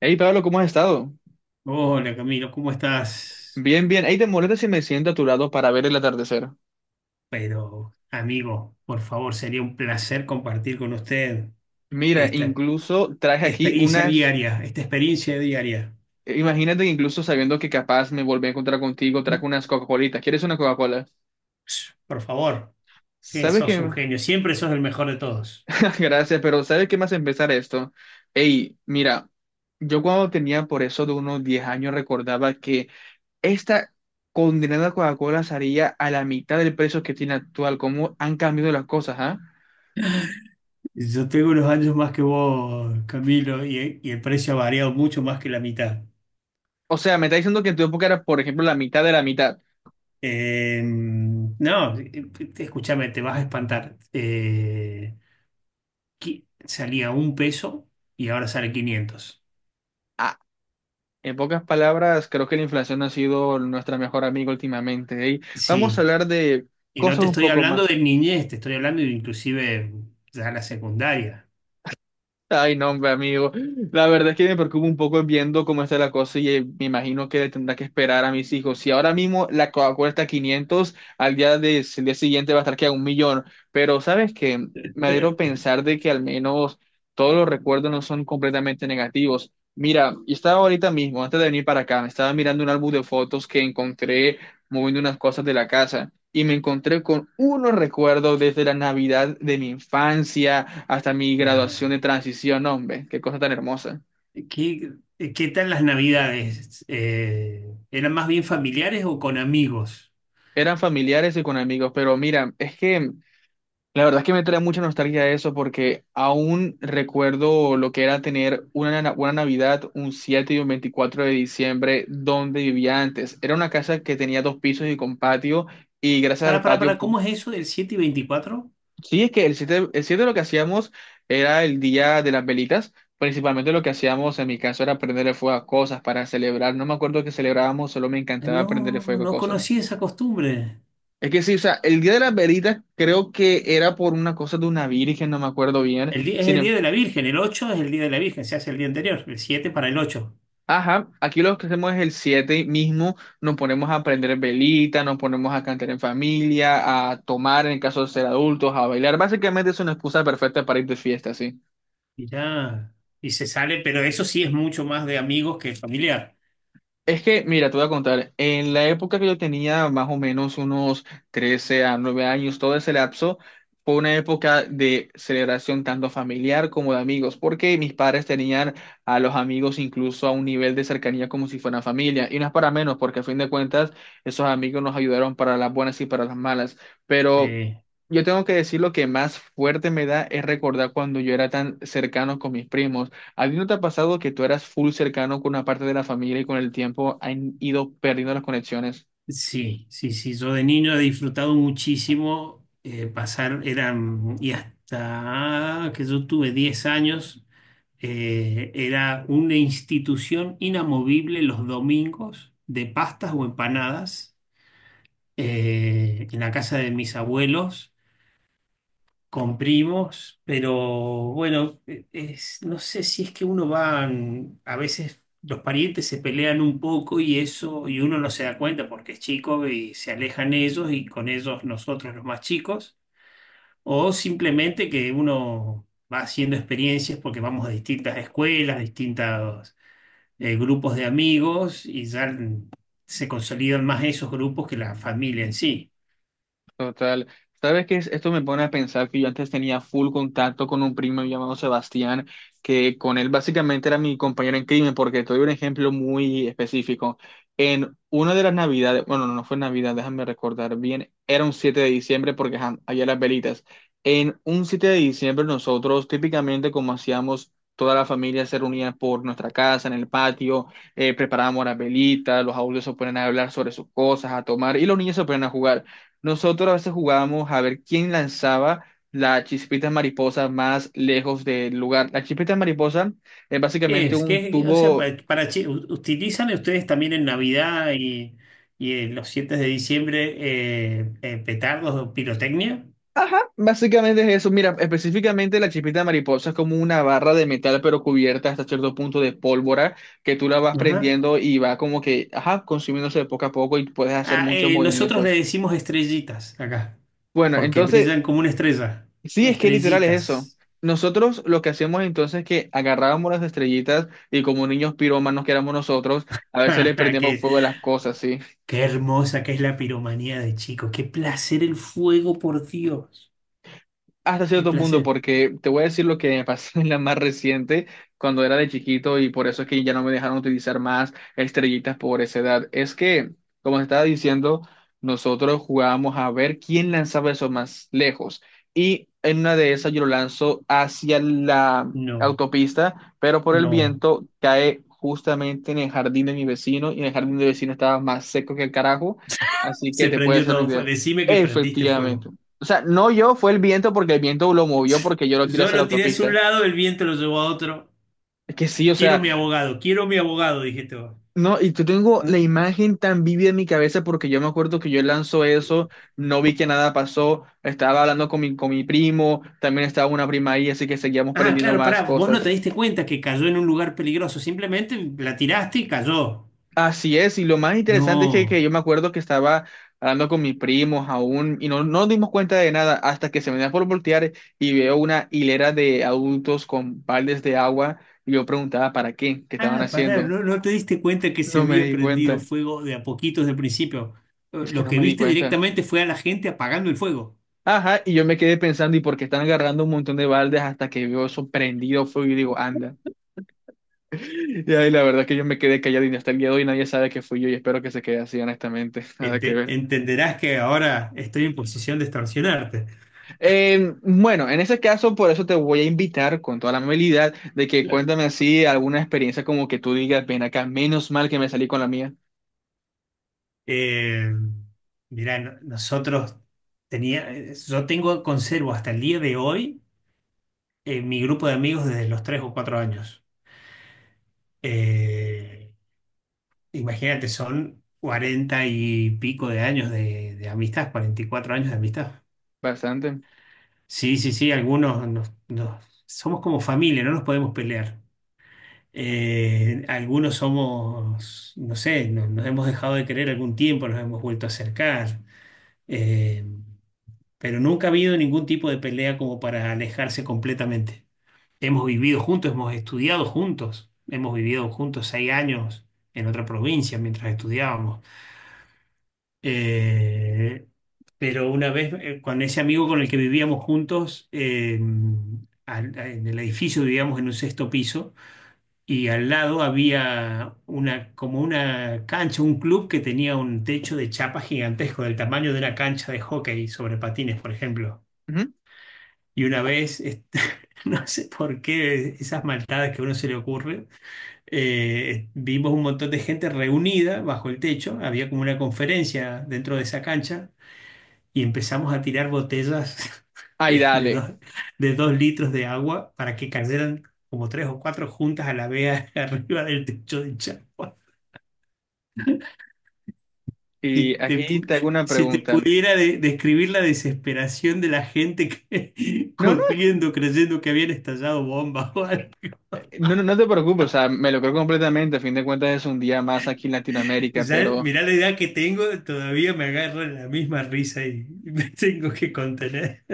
Hey Pablo, ¿cómo has estado? Hola Camilo, ¿cómo estás? Bien, bien. Hey, ¿te molesta si me siento a tu lado para ver el atardecer? Pero amigo, por favor, sería un placer compartir con usted Mira, esta incluso traje aquí experiencia unas. diaria, Imagínate que incluso sabiendo que capaz me volví a encontrar contigo, traje unas Coca-Colitas. ¿Quieres una Coca-Cola? Ups, por favor, que ¿Sabes sos un qué? genio, siempre sos el mejor de todos. Gracias, pero ¿sabes qué más empezar esto? Hey, mira, yo cuando tenía por eso de unos 10 años recordaba que esta condenada Coca-Cola salía a la mitad del precio que tiene actual. ¿Cómo han cambiado las cosas, ah? Yo tengo unos años más que vos, Camilo, y el precio ha variado mucho más que la mitad. O sea, me está diciendo que en tu época era, por ejemplo, la mitad de la mitad. No, Escúchame, te vas a espantar. Salía un peso y ahora sale 500. Ah, en pocas palabras, creo que la inflación ha sido nuestra mejor amiga últimamente. ¿Eh? Vamos a Sí. hablar de Y no cosas te un estoy poco hablando más. de niñez, te estoy hablando de inclusive ya la secundaria. Ay, no, hombre, amigo. La verdad es que me preocupa un poco viendo cómo está la cosa y me imagino que tendrá que esperar a mis hijos. Si ahora mismo la Coca-Cola está a 500, al día, el día siguiente va a estar que a un millón. Pero, ¿sabes qué? Me alegro pensar de que al menos todos los recuerdos no son completamente negativos. Mira, y estaba ahorita mismo, antes de venir para acá, me estaba mirando un álbum de fotos que encontré moviendo unas cosas de la casa y me encontré con unos recuerdos desde la Navidad de mi infancia hasta mi graduación Nah, de transición. No, hombre, qué cosa tan hermosa. ¿qué, qué tal las navidades? ¿Eran más bien familiares o con amigos? Eran familiares y con amigos, pero mira, es que la verdad es que me trae mucha nostalgia eso porque aún recuerdo lo que era tener una Navidad un 7 y un 24 de diciembre donde vivía antes. Era una casa que tenía dos pisos y con patio, y gracias al patio. Para, ¿cómo es eso del siete y 24? Sí, es que el 7, el 7 lo que hacíamos era el día de las velitas. Principalmente lo que hacíamos en mi caso era prenderle fuego a cosas para celebrar. No me acuerdo que celebrábamos, solo me Ah, encantaba no, prenderle fuego a no cosas. conocí esa costumbre. Es que sí, o sea, el día de las velitas creo que era por una cosa de una virgen, no me acuerdo bien. El día, es Sin el em- día de la Virgen, el ocho es el día de la Virgen, se hace el día anterior, el 7 para el ocho. Ajá, aquí lo que hacemos es el 7 mismo, nos ponemos a prender velitas, nos ponemos a cantar en familia, a tomar en caso de ser adultos, a bailar. Básicamente es una excusa perfecta para ir de fiesta, sí. Y ya, y se sale, pero eso sí es mucho más de amigos que familiar. Es que, mira, te voy a contar, en la época que yo tenía más o menos unos 13 a 9 años, todo ese lapso, fue una época de celebración tanto familiar como de amigos, porque mis padres tenían a los amigos incluso a un nivel de cercanía como si fueran familia, y no es para menos, porque a fin de cuentas esos amigos nos ayudaron para las buenas y para las malas, pero... Sí. Yo tengo que decir lo que más fuerte me da es recordar cuando yo era tan cercano con mis primos. ¿A ti no te ha pasado que tú eras full cercano con una parte de la familia y con el tiempo han ido perdiendo las conexiones? Sí, sí, sí. Yo de niño he disfrutado muchísimo, pasar, eran, y hasta que yo tuve 10 años, era una institución inamovible los domingos de pastas o empanadas en la casa de mis abuelos con primos, pero bueno, no sé si es que uno va, a veces los parientes se pelean un poco y eso, y uno no se da cuenta porque es chico y se alejan ellos y con ellos nosotros los más chicos, o simplemente que uno va haciendo experiencias porque vamos a distintas escuelas, distintos grupos de amigos y ya se consolidan más esos grupos que la familia en sí. Total. ¿Sabes qué es? Esto me pone a pensar que yo antes tenía full contacto con un primo llamado Sebastián, que con él básicamente era mi compañero en crimen, porque te doy un ejemplo muy específico. En una de las navidades, bueno, no fue Navidad, déjame recordar bien, era un 7 de diciembre porque ajá, había las velitas. En un 7 de diciembre nosotros típicamente como hacíamos... Toda la familia se reunía por nuestra casa, en el patio, preparábamos las velitas, los adultos se ponían a hablar sobre sus cosas, a tomar, y los niños se ponían a jugar. Nosotros a veces jugábamos a ver quién lanzaba la chispita mariposa más lejos del lugar. La chispita mariposa es ¿Qué básicamente es? un O sea, tubo. para, ¿utilizan ustedes también en Navidad y en los 7 de diciembre petardos o pirotecnia? Ajá, básicamente es eso. Mira, específicamente la chispita mariposa es como una barra de metal, pero cubierta hasta cierto punto de pólvora, que tú la vas Ajá. prendiendo y va como que, ajá, consumiéndose poco a poco y puedes hacer Ah, muchos nosotros le movimientos. decimos estrellitas acá, Bueno, porque brillan entonces como una estrella. sí, es que literal es eso. Estrellitas. Nosotros lo que hacíamos entonces es que agarrábamos las estrellitas y como niños pirómanos que éramos nosotros, a veces le prendíamos Qué, fuego a las cosas, ¿sí? qué hermosa que es la piromanía de chicos. Qué placer el fuego, por Dios. Hasta Qué cierto punto, placer. porque te voy a decir lo que me pasó en la más reciente, cuando era de chiquito, y por eso es que ya no me dejaron utilizar más estrellitas por esa edad. Es que, como te estaba diciendo, nosotros jugábamos a ver quién lanzaba eso más lejos. Y en una de esas yo lo lanzo hacia la No, autopista, pero por el no. viento cae justamente en el jardín de mi vecino, y en el jardín de mi vecino estaba más seco que el carajo, así que Se te puedes prendió hacer una todo fuego. idea. Decime que prendiste Efectivamente. fuego. O sea, no yo, fue el viento porque el viento lo movió porque yo lo tiré Yo hacia la lo tiré hacia un autopista. lado, el viento lo llevó a otro. Es que sí, o sea, Quiero mi abogado, dijiste vos. no, y yo tengo la ¿No? imagen tan vívida en mi cabeza porque yo me acuerdo que yo lanzó eso, no vi que nada pasó, estaba hablando con mi primo, también estaba una prima ahí, así que seguíamos Ah, aprendiendo claro, pará, más vos no te cosas. diste cuenta que cayó en un lugar peligroso, simplemente la tiraste y cayó. Así es, y lo más interesante es que No. yo me acuerdo que estaba hablando con mis primos aún y no, no nos dimos cuenta de nada hasta que se me da por voltear y veo una hilera de adultos con baldes de agua y yo preguntaba para qué, qué estaban Ah, pará, haciendo. no, no te diste cuenta que se No me había di prendido cuenta, fuego de a poquitos del principio. Es que Lo no que me di viste cuenta. directamente fue a la gente apagando el fuego. Ajá, y yo me quedé pensando y por qué están agarrando un montón de baldes hasta que veo eso prendido fuego y digo, anda. Y ahí la verdad es que yo me quedé callado y hasta el día de hoy nadie sabe que fui yo y espero que se quede así honestamente, nada que ver. Entenderás que ahora estoy en posición de extorsionarte. Bueno, en ese caso, por eso te voy a invitar con toda la amabilidad de que cuéntame así alguna experiencia como que tú digas, ven acá, menos mal que me salí con la mía. Eh, Mirá, nosotros tenía, yo tengo, conservo hasta el día de hoy mi grupo de amigos desde los 3 o 4 años. Eh, Imagínate, son 40 y pico de años de amistad, 44 años de amistad. Bastante. Sí, sí, sí, algunos nos, somos como familia, no nos podemos pelear. Algunos somos, no sé, nos hemos dejado de querer algún tiempo, nos hemos vuelto a acercar. Eh, pero nunca ha habido ningún tipo de pelea como para alejarse completamente. Hemos vivido juntos, hemos estudiado juntos, hemos vivido juntos 6 años en otra provincia mientras estudiábamos. Eh, pero una vez, con ese amigo con el que vivíamos juntos, en el edificio vivíamos en un 6.º piso y al lado había una, como una cancha, un club que tenía un techo de chapa gigantesco del tamaño de una cancha de hockey sobre patines, por ejemplo. Ujú. Y una vez, este, no sé por qué esas maldades que a uno se le ocurre, vimos un montón de gente reunida bajo el techo, había como una conferencia dentro de esa cancha y empezamos a tirar botellas Ay, de, de dale. dos, de 2 litros de agua para que cayeran como tres o cuatro juntas a la vez arriba del techo de Chagua. Si Y te, aquí pu- te hago una si te pregunta. pudiera describir la desesperación de la gente que, No, no, corriendo creyendo que habían estallado bombas. No, no no te preocupes, o sea, me lo creo completamente. A fin de cuentas es un día más aquí en Latinoamérica, Ya, pero mirá la edad que tengo, todavía me agarra la misma risa y me tengo que contener.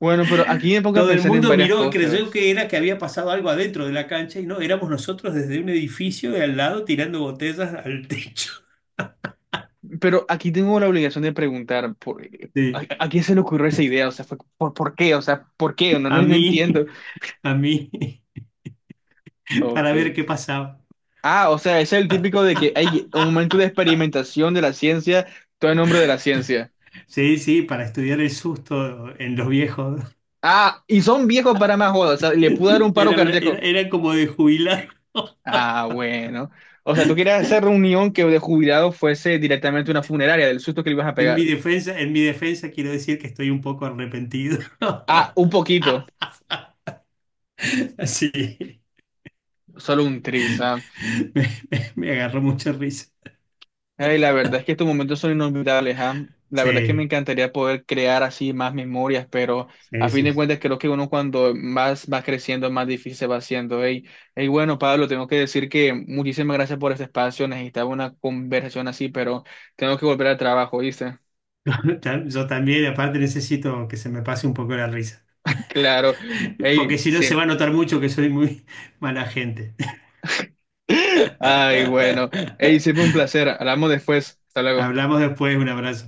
bueno, pero aquí me pongo a Todo el pensar en mundo varias miró y creyó cosas. que era que había pasado algo adentro de la cancha y no, éramos nosotros desde un edificio de al lado tirando botellas al techo. Pero aquí tengo la obligación de preguntar, ¿por, a, Sí, a quién se le ocurrió esa idea? O sea, fue, ¿Por qué? O sea, ¿por qué? No, no, a no mí, entiendo. a mí, para Ok. ver qué pasaba. Ah, o sea, es el típico de que hay un momento de experimentación de la ciencia, todo en nombre de la ciencia. Sí, sí, para estudiar el susto en los viejos. Ah, y son viejos para más jodas, o sea, le pudo dar un paro Era, era, cardíaco. era como de jubilar. Ah, bueno. O sea, tú querías hacer reunión que de jubilado fuese directamente una funeraria, del susto que le ibas a pegar. En mi defensa quiero decir que estoy un poco arrepentido. Ah, un poquito, Sí. solo un tris. Ah. Me, me agarró mucha risa. Ay, la verdad es que estos momentos son inolvidables, ¿ah? La verdad es que me Sí, encantaría poder crear así más memorias, pero a sí, fin de sí. cuentas creo que uno cuando más va creciendo, más difícil se va haciendo. Y bueno, Pablo, tengo que decir que muchísimas gracias por este espacio. Necesitaba una conversación así, pero tengo que volver al trabajo, ¿viste? Yo también, aparte necesito que se me pase un poco la risa, Claro. porque Ey, si no se va sí. a notar mucho que soy muy mala gente. Ay, bueno. Ey, siempre un placer. Hablamos después. Hasta luego. Hablamos después, un abrazo.